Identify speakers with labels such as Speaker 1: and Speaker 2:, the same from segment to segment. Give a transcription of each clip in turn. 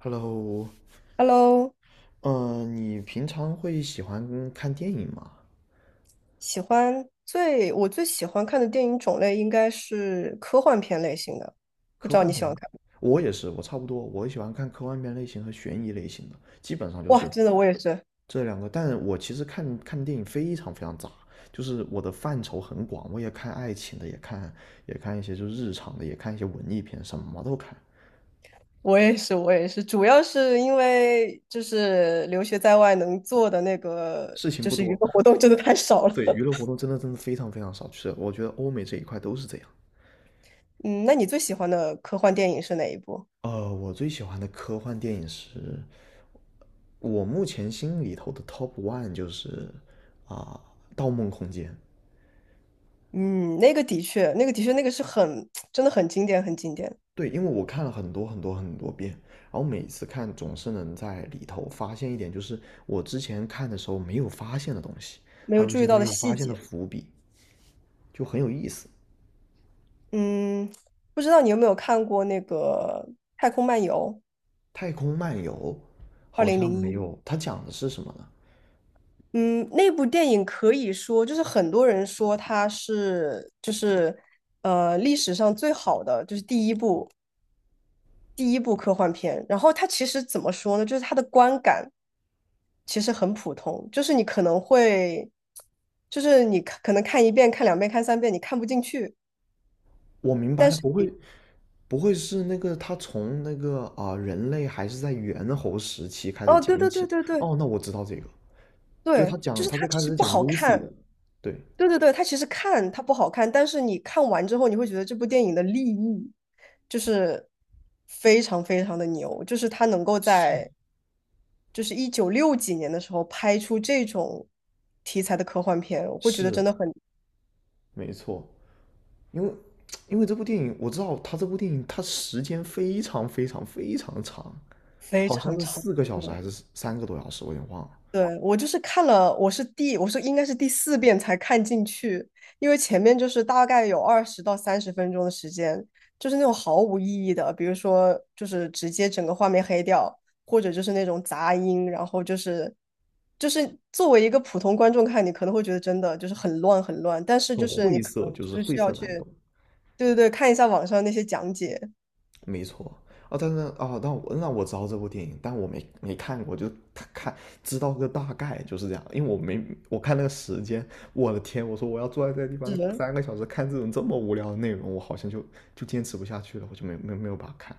Speaker 1: Hello,
Speaker 2: Hello，
Speaker 1: 你平常会喜欢看电影吗？
Speaker 2: 喜欢最我最喜欢看的电影种类应该是科幻片类型的，不
Speaker 1: 科
Speaker 2: 知道
Speaker 1: 幻
Speaker 2: 你喜
Speaker 1: 片，
Speaker 2: 欢看吗？
Speaker 1: 我也是，我差不多，我喜欢看科幻片类型和悬疑类型的，基本上就
Speaker 2: 哇，
Speaker 1: 是
Speaker 2: 真的，我也是，
Speaker 1: 这两个。但我其实看电影非常非常杂，就是我的范畴很广，我也看爱情的，也看一些就是日常的，也看一些文艺片，什么都看。
Speaker 2: 我也是，我也是，主要是因为就是留学在外能做的那个
Speaker 1: 事情
Speaker 2: 就
Speaker 1: 不
Speaker 2: 是娱
Speaker 1: 多。
Speaker 2: 乐活动真的太少 了。
Speaker 1: 对，娱乐活动真的真的非常非常少，就是我觉得欧美这一块都是这样。
Speaker 2: 嗯，那你最喜欢的科幻电影是哪一部？
Speaker 1: 我最喜欢的科幻电影是我目前心里头的 top one 就是啊，盗梦空间》。
Speaker 2: 嗯，那个的确，那个是很 真的很经典，很经典，
Speaker 1: 对，因为我看了很多很多很多遍，然后每次看总是能在里头发现一点，就是我之前看的时候没有发现的东西，
Speaker 2: 没
Speaker 1: 还
Speaker 2: 有
Speaker 1: 有一
Speaker 2: 注
Speaker 1: 些
Speaker 2: 意到
Speaker 1: 没
Speaker 2: 的
Speaker 1: 有
Speaker 2: 细
Speaker 1: 发现的
Speaker 2: 节。
Speaker 1: 伏笔，就很有意思。
Speaker 2: 嗯，不知道你有没有看过那个《太空漫游》
Speaker 1: 太空漫游
Speaker 2: 二
Speaker 1: 好
Speaker 2: 零
Speaker 1: 像
Speaker 2: 零
Speaker 1: 没
Speaker 2: 一？
Speaker 1: 有，它讲的是什么呢？
Speaker 2: 嗯，那部电影可以说就是很多人说它是就是历史上最好的，就是第一部科幻片。然后它其实怎么说呢？就是它的观感其实很普通，就是你可能会就是你看可能看一遍、看两遍、看三遍，你看不进去。
Speaker 1: 我明白了，不会是那个他从人类还是在猿猴时期开始
Speaker 2: 哦，对
Speaker 1: 讲
Speaker 2: 对对
Speaker 1: 起？
Speaker 2: 对对
Speaker 1: 哦，那我知道这个。就
Speaker 2: 对，
Speaker 1: 他
Speaker 2: 就
Speaker 1: 讲，
Speaker 2: 是
Speaker 1: 他
Speaker 2: 它
Speaker 1: 最
Speaker 2: 其
Speaker 1: 开始
Speaker 2: 实
Speaker 1: 是
Speaker 2: 不
Speaker 1: 讲
Speaker 2: 好
Speaker 1: Lucy
Speaker 2: 看，
Speaker 1: 的，对，
Speaker 2: 对对对，它不好看，但是你看完之后，你会觉得这部电影的立意就是非常非常的牛，就是它能够
Speaker 1: 是，
Speaker 2: 在就是一九六几年的时候拍出这种题材的科幻片，我会觉得真
Speaker 1: 是
Speaker 2: 的很
Speaker 1: 没错，因为因为这部电影我知道他这部电影它时间非常非常非常长，
Speaker 2: 非
Speaker 1: 好像
Speaker 2: 常
Speaker 1: 是
Speaker 2: 长。
Speaker 1: 四个小时还是三个多小时，我有点忘了，
Speaker 2: 对，我就是看了，我是应该是第四遍才看进去，因为前面就是大概有二十到三十分钟的时间，就是那种毫无意义的，比如说就是直接整个画面黑掉，或者就是那种杂音，然后就是作为一个普通观众看，你可能会觉得真的就是很乱很乱，但是
Speaker 1: 很
Speaker 2: 就是你
Speaker 1: 晦
Speaker 2: 可能
Speaker 1: 涩，就是
Speaker 2: 就是
Speaker 1: 晦
Speaker 2: 需要
Speaker 1: 涩难
Speaker 2: 去，
Speaker 1: 懂。
Speaker 2: 对对对，看一下网上那些讲解。
Speaker 1: 没错。啊，但是哦，那我知道这部电影，但我没看过，就他看知道个大概就是这样，因为我没我看那个时间，我的天，我说我要坐在这个地方
Speaker 2: 是，
Speaker 1: 三个小时看这种这么无聊的内容，我好像就坚持不下去了，我就没有把它看。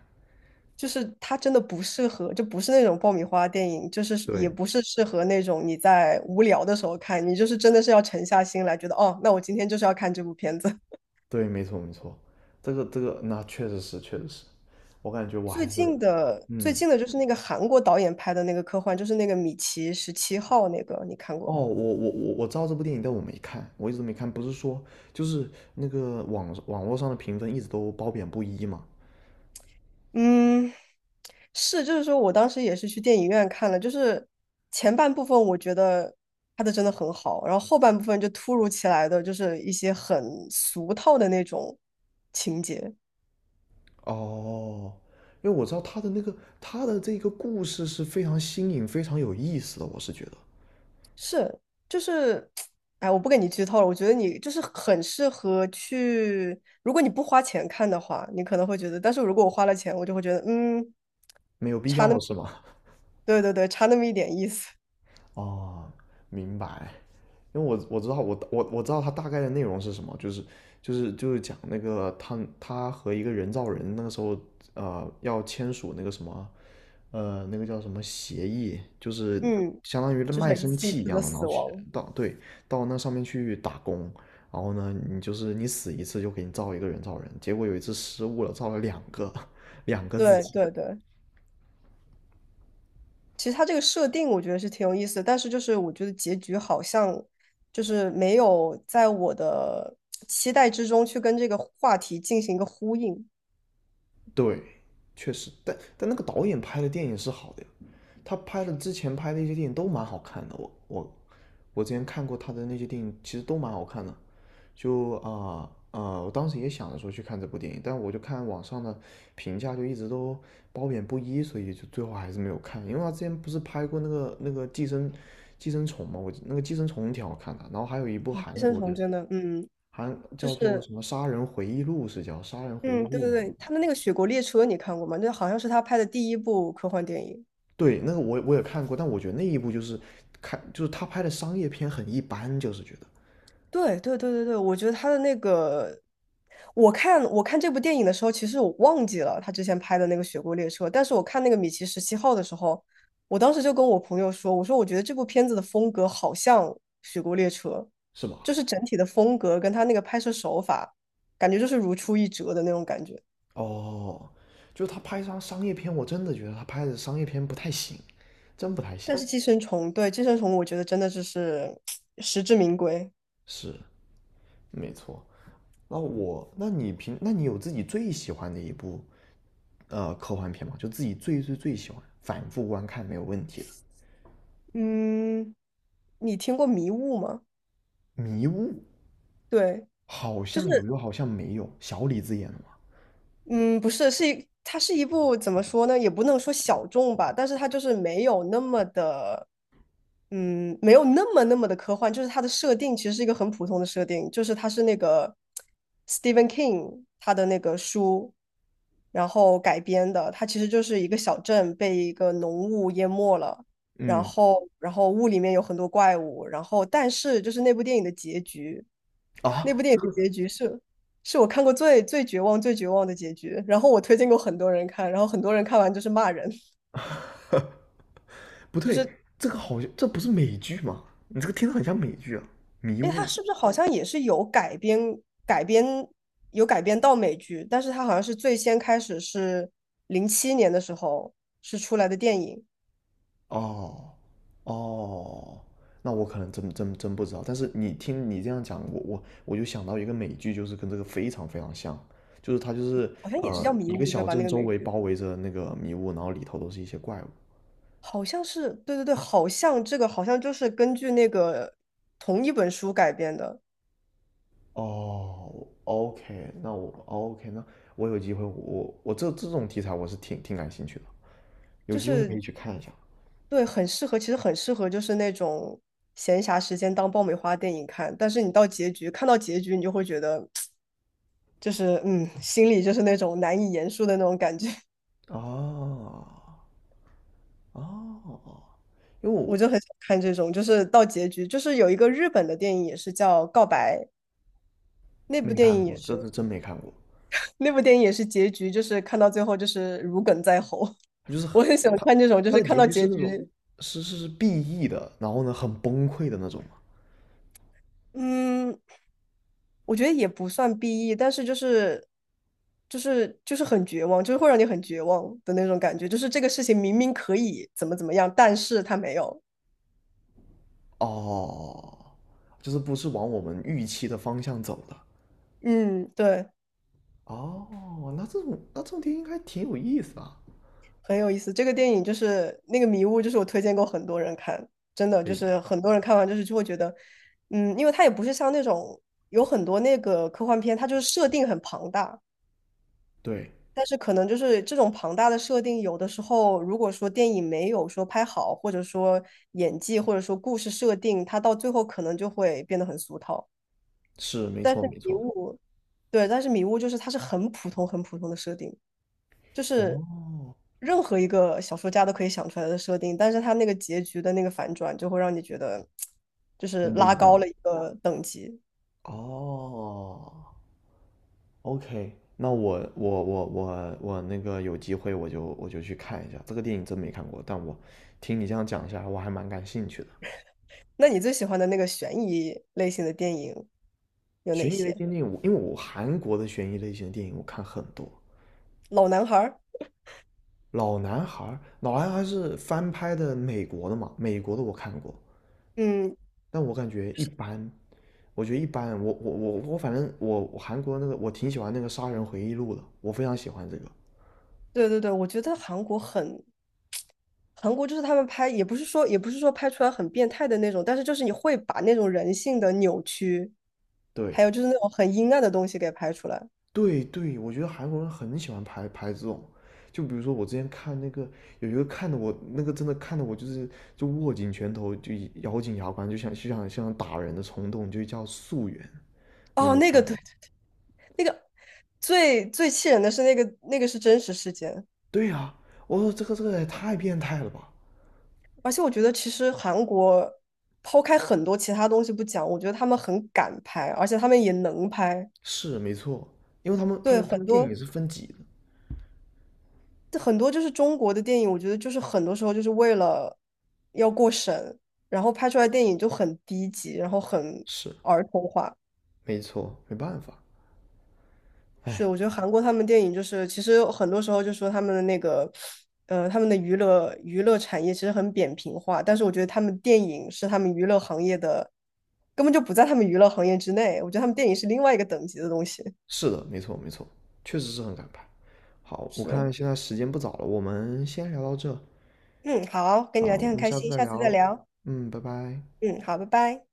Speaker 2: 就是它真的不适合，就不是那种爆米花电影，就是也
Speaker 1: 对
Speaker 2: 不是适合那种你在无聊的时候看，你就是真的是要沉下心来，觉得哦，那我今天就是要看这部片子。
Speaker 1: 对，没错没错，这个那确实是。我感觉我还
Speaker 2: 最
Speaker 1: 是
Speaker 2: 近的最
Speaker 1: 嗯。
Speaker 2: 近的就是那个韩国导演拍的那个科幻，就是那个《米奇十七号》那个，你看过
Speaker 1: 哦，
Speaker 2: 吗？
Speaker 1: 我知道这部电影，但我没看，我一直没看。不是说就是那个网络上的评分一直都褒贬不一嘛，
Speaker 2: 嗯，是，就是说我当时也是去电影院看了，就是前半部分我觉得拍的真的很好，然后后半部分就突如其来的就是一些很俗套的那种情节。
Speaker 1: 哦，因为我知道他的那个他的这个故事是非常新颖、非常有意思的，我是觉得
Speaker 2: 是，就是，哎，我不跟你剧透了。我觉得你就是很适合去，如果你不花钱看的话，你可能会觉得，但是如果我花了钱，我就会觉得，嗯，
Speaker 1: 没有必
Speaker 2: 差那
Speaker 1: 要
Speaker 2: 么，
Speaker 1: 是吗？
Speaker 2: 对对对，差那么一点意思，
Speaker 1: 哦，明白。因为我知道它大概的内容是什么，就是讲那个他和一个人造人那个时候要签署那个什么那个叫什么协议，就是
Speaker 2: 嗯，
Speaker 1: 相当于
Speaker 2: 就
Speaker 1: 卖
Speaker 2: 是一
Speaker 1: 身
Speaker 2: 次一
Speaker 1: 契一
Speaker 2: 次的
Speaker 1: 样的，然
Speaker 2: 死
Speaker 1: 后去
Speaker 2: 亡，
Speaker 1: 到对到那上面去打工，然后呢你就是你死一次就给你造一个人造人，结果有一次失误了，造了两个 两个自
Speaker 2: 对
Speaker 1: 己，
Speaker 2: 对对。其实它这个设定我觉得是挺有意思的，但是就是我觉得结局好像就是没有在我的期待之中去跟这个话题进行一个呼应。
Speaker 1: 对，确实，但那个导演拍的电影是好的，他拍的之前拍的一些电影都蛮好看的，我之前看过他的那些电影，其实都蛮好看的。就啊啊、呃呃我当时也想着说去看这部电影，但我就看网上的评价就一直都褒贬不一，所以就最后还是没有看。因为他之前不是拍过那个寄生虫嘛，我那个寄生虫挺好看的，然后还有一部
Speaker 2: 啊，寄
Speaker 1: 韩
Speaker 2: 生
Speaker 1: 国
Speaker 2: 虫
Speaker 1: 的，
Speaker 2: 真的，嗯，
Speaker 1: 韩
Speaker 2: 就
Speaker 1: 叫做
Speaker 2: 是。
Speaker 1: 什么《杀人回忆录》？是叫《杀人回忆
Speaker 2: 嗯，对
Speaker 1: 录》
Speaker 2: 对
Speaker 1: 吗？
Speaker 2: 对，他的那个《雪国列车》你看过吗？那好像是他拍的第一部科幻电影。
Speaker 1: 对，那个我我也看过，但我觉得那一部就是看就是他拍的商业片很一般，就是觉得。
Speaker 2: 对对对对对，我觉得他的那个，我看这部电影的时候，其实我忘记了他之前拍的那个《雪国列车》，但是我看那个《米奇十七号》的时候，我当时就跟我朋友说，我说我觉得这部片子的风格好像《雪国列车》，
Speaker 1: 是吧？
Speaker 2: 就是整体的风格跟他那个拍摄手法，感觉就是如出一辙的那种感觉。
Speaker 1: 哦，就是他拍张商业片，我真的觉得他拍的商业片不太行，真不太行。
Speaker 2: 但是《寄生虫》对《寄生虫》，我觉得真的就是 实至名归。
Speaker 1: 是，没错。那我，那你平，那你有自己最喜欢的一部科幻片吗？就自己最最最喜欢，反复观看没有问题的。
Speaker 2: 嗯，你听过《迷雾》吗？
Speaker 1: 迷雾
Speaker 2: 对，
Speaker 1: 好
Speaker 2: 就是，
Speaker 1: 像有，又好像没有。小李子演的吗？
Speaker 2: 嗯，不是，它是一部怎么说呢，也不能说小众吧，但是它就是没有那么的。嗯，没有那么那么的科幻，就是它的设定其实是一个很普通的设定，就是它是那个 Stephen King 他的那个书，然后改编的，它其实就是一个小镇被一个浓雾淹没了，然
Speaker 1: 嗯，
Speaker 2: 后然后雾里面有很多怪物，然后但是就是那部电影的结局，
Speaker 1: 啊，
Speaker 2: 那部电
Speaker 1: 这
Speaker 2: 影的
Speaker 1: 个
Speaker 2: 结局是是我看过最绝望的结局，然后我推荐过很多人看，然后很多人看完就是骂人。
Speaker 1: 不
Speaker 2: 就
Speaker 1: 对，
Speaker 2: 是
Speaker 1: 这个好像这不是美剧吗？你这个听着很像美剧啊。迷
Speaker 2: 哎，它
Speaker 1: 雾。
Speaker 2: 是不是好像也是有改编改编有改编到美剧？但是它好像是最先开始是零七年的时候是出来的电影，
Speaker 1: 哦，哦，那我可能真不知道。但是你听你这样讲，我就想到一个美剧，就是跟这个非常非常像，就是它就是
Speaker 2: 好像也是叫《迷
Speaker 1: 一个
Speaker 2: 雾》对
Speaker 1: 小
Speaker 2: 吧？那
Speaker 1: 镇
Speaker 2: 个
Speaker 1: 周
Speaker 2: 美
Speaker 1: 围
Speaker 2: 剧
Speaker 1: 包围着那个迷雾，然后里头都是一些怪物。
Speaker 2: 好像是对对对，好像这个好像就是根据那个同一本书改编的，
Speaker 1: 哦，OK,那我哦 OK,那我有机会，我我这这种题材我是挺感兴趣的，有
Speaker 2: 就
Speaker 1: 机会可以
Speaker 2: 是
Speaker 1: 去看一下。
Speaker 2: 对，很适合，其实很适合就是那种闲暇时间当爆米花电影看。但是你到结局看到结局，你就会觉得就是嗯，心里就是那种难以言述的那种感觉。
Speaker 1: 啊，哦，因为我
Speaker 2: 我就很想看这种，就是到结局，就是有一个日本的电影也是叫《告白》，那部
Speaker 1: 没
Speaker 2: 电
Speaker 1: 看
Speaker 2: 影也
Speaker 1: 过，这
Speaker 2: 是，
Speaker 1: 是真没看过。
Speaker 2: 那部电影也是结局，就是看到最后就是如鲠在喉。
Speaker 1: 他 就是很
Speaker 2: 我很喜欢
Speaker 1: 他
Speaker 2: 看这种，就
Speaker 1: 他
Speaker 2: 是
Speaker 1: 的
Speaker 2: 看
Speaker 1: 结
Speaker 2: 到
Speaker 1: 局是
Speaker 2: 结
Speaker 1: 那
Speaker 2: 局，
Speaker 1: 种是 BE 的，然后呢很崩溃的那种嘛。
Speaker 2: 嗯，我觉得也不算 BE，但是就是很绝望，就是会让你很绝望的那种感觉，就是这个事情明明可以怎么怎么样，但是他没有。
Speaker 1: 哦，就是不是往我们预期的方向走的。
Speaker 2: 嗯，对。
Speaker 1: 哦，那这种电影应该挺有意思啊。
Speaker 2: 很有意思。这个电影就是那个迷雾，就是我推荐过很多人看，真的
Speaker 1: 可
Speaker 2: 就
Speaker 1: 以，
Speaker 2: 是很多人看完就是就会觉得，嗯，因为它也不是像那种有很多那个科幻片，它就是设定很庞大，
Speaker 1: 对，
Speaker 2: 但是可能就是这种庞大的设定，有的时候如果说电影没有说拍好，或者说演技，或者说故事设定，它到最后可能就会变得很俗套。
Speaker 1: 是没
Speaker 2: 但是
Speaker 1: 错没
Speaker 2: 迷
Speaker 1: 错。
Speaker 2: 雾，对，但是迷雾就是它是很普通很普通的设定。就是
Speaker 1: 哦，
Speaker 2: 任何一个小说家都可以想出来的设定，但是他那个结局的那个反转就会让你觉得就是
Speaker 1: 很不
Speaker 2: 拉
Speaker 1: 一
Speaker 2: 高
Speaker 1: 样。
Speaker 2: 了一个等级。
Speaker 1: 哦，OK,那我那个有机会我就去看一下这个电影，真没看过，但我听你这样讲一下，我还蛮感兴趣的。
Speaker 2: 那你最喜欢的那个悬疑类型的电影有哪
Speaker 1: 悬疑类
Speaker 2: 些？
Speaker 1: 型电影，我因为我韩国的悬疑类型的电影我看很多，
Speaker 2: 老男孩儿，
Speaker 1: 《老男孩》。《老男孩》是翻拍的美国的嘛，美国的我看过，
Speaker 2: 嗯，
Speaker 1: 但我感觉一般，我觉得一般。我反正我韩国那个我挺喜欢那个《杀人回忆录》的，我非常喜欢这个。
Speaker 2: 对对对，我觉得韩国很，韩国就是他们拍，也不是说拍出来很变态的那种，但是就是你会把那种人性的扭曲，还
Speaker 1: 对
Speaker 2: 有就是那种很阴暗的东西给拍出来。
Speaker 1: 对对，我觉得韩国人很喜欢拍这种，就比如说我之前看那个有一个看的我那个真的看的我就是就握紧拳头就咬紧牙关就想像打人的冲动，就叫《素媛》，你有没
Speaker 2: 哦，
Speaker 1: 有
Speaker 2: 那个
Speaker 1: 看过？
Speaker 2: 对，那个最最气人的是那个是真实事件，
Speaker 1: 对呀、我说这个也太变态了吧？
Speaker 2: 而且我觉得其实韩国抛开很多其他东西不讲，我觉得他们很敢拍，而且他们也能拍。
Speaker 1: 是没错，因为他们他
Speaker 2: 对，
Speaker 1: 们他
Speaker 2: 很
Speaker 1: 们电影
Speaker 2: 多
Speaker 1: 是分级的，
Speaker 2: 很多就是中国的电影，我觉得就是很多时候就是为了要过审，然后拍出来电影就很低级，然后很
Speaker 1: 是
Speaker 2: 儿童化。
Speaker 1: 没错，没办法，
Speaker 2: 是，
Speaker 1: 哎，
Speaker 2: 我觉得韩国他们电影就是，其实很多时候就说他们的那个，他们的娱乐产业其实很扁平化，但是我觉得他们电影是他们娱乐行业的，根本就不在他们娱乐行业之内。我觉得他们电影是另外一个等级的东西。
Speaker 1: 是的，没错没错，确实是很敢拍。好，我
Speaker 2: 是，
Speaker 1: 看现在时间不早了，我们先聊到这，
Speaker 2: 嗯，好，跟
Speaker 1: 好，
Speaker 2: 你聊
Speaker 1: 我
Speaker 2: 天很
Speaker 1: 们
Speaker 2: 开
Speaker 1: 下次
Speaker 2: 心，
Speaker 1: 再
Speaker 2: 下次再
Speaker 1: 聊，
Speaker 2: 聊。
Speaker 1: 嗯，拜拜。
Speaker 2: 嗯，好，拜拜。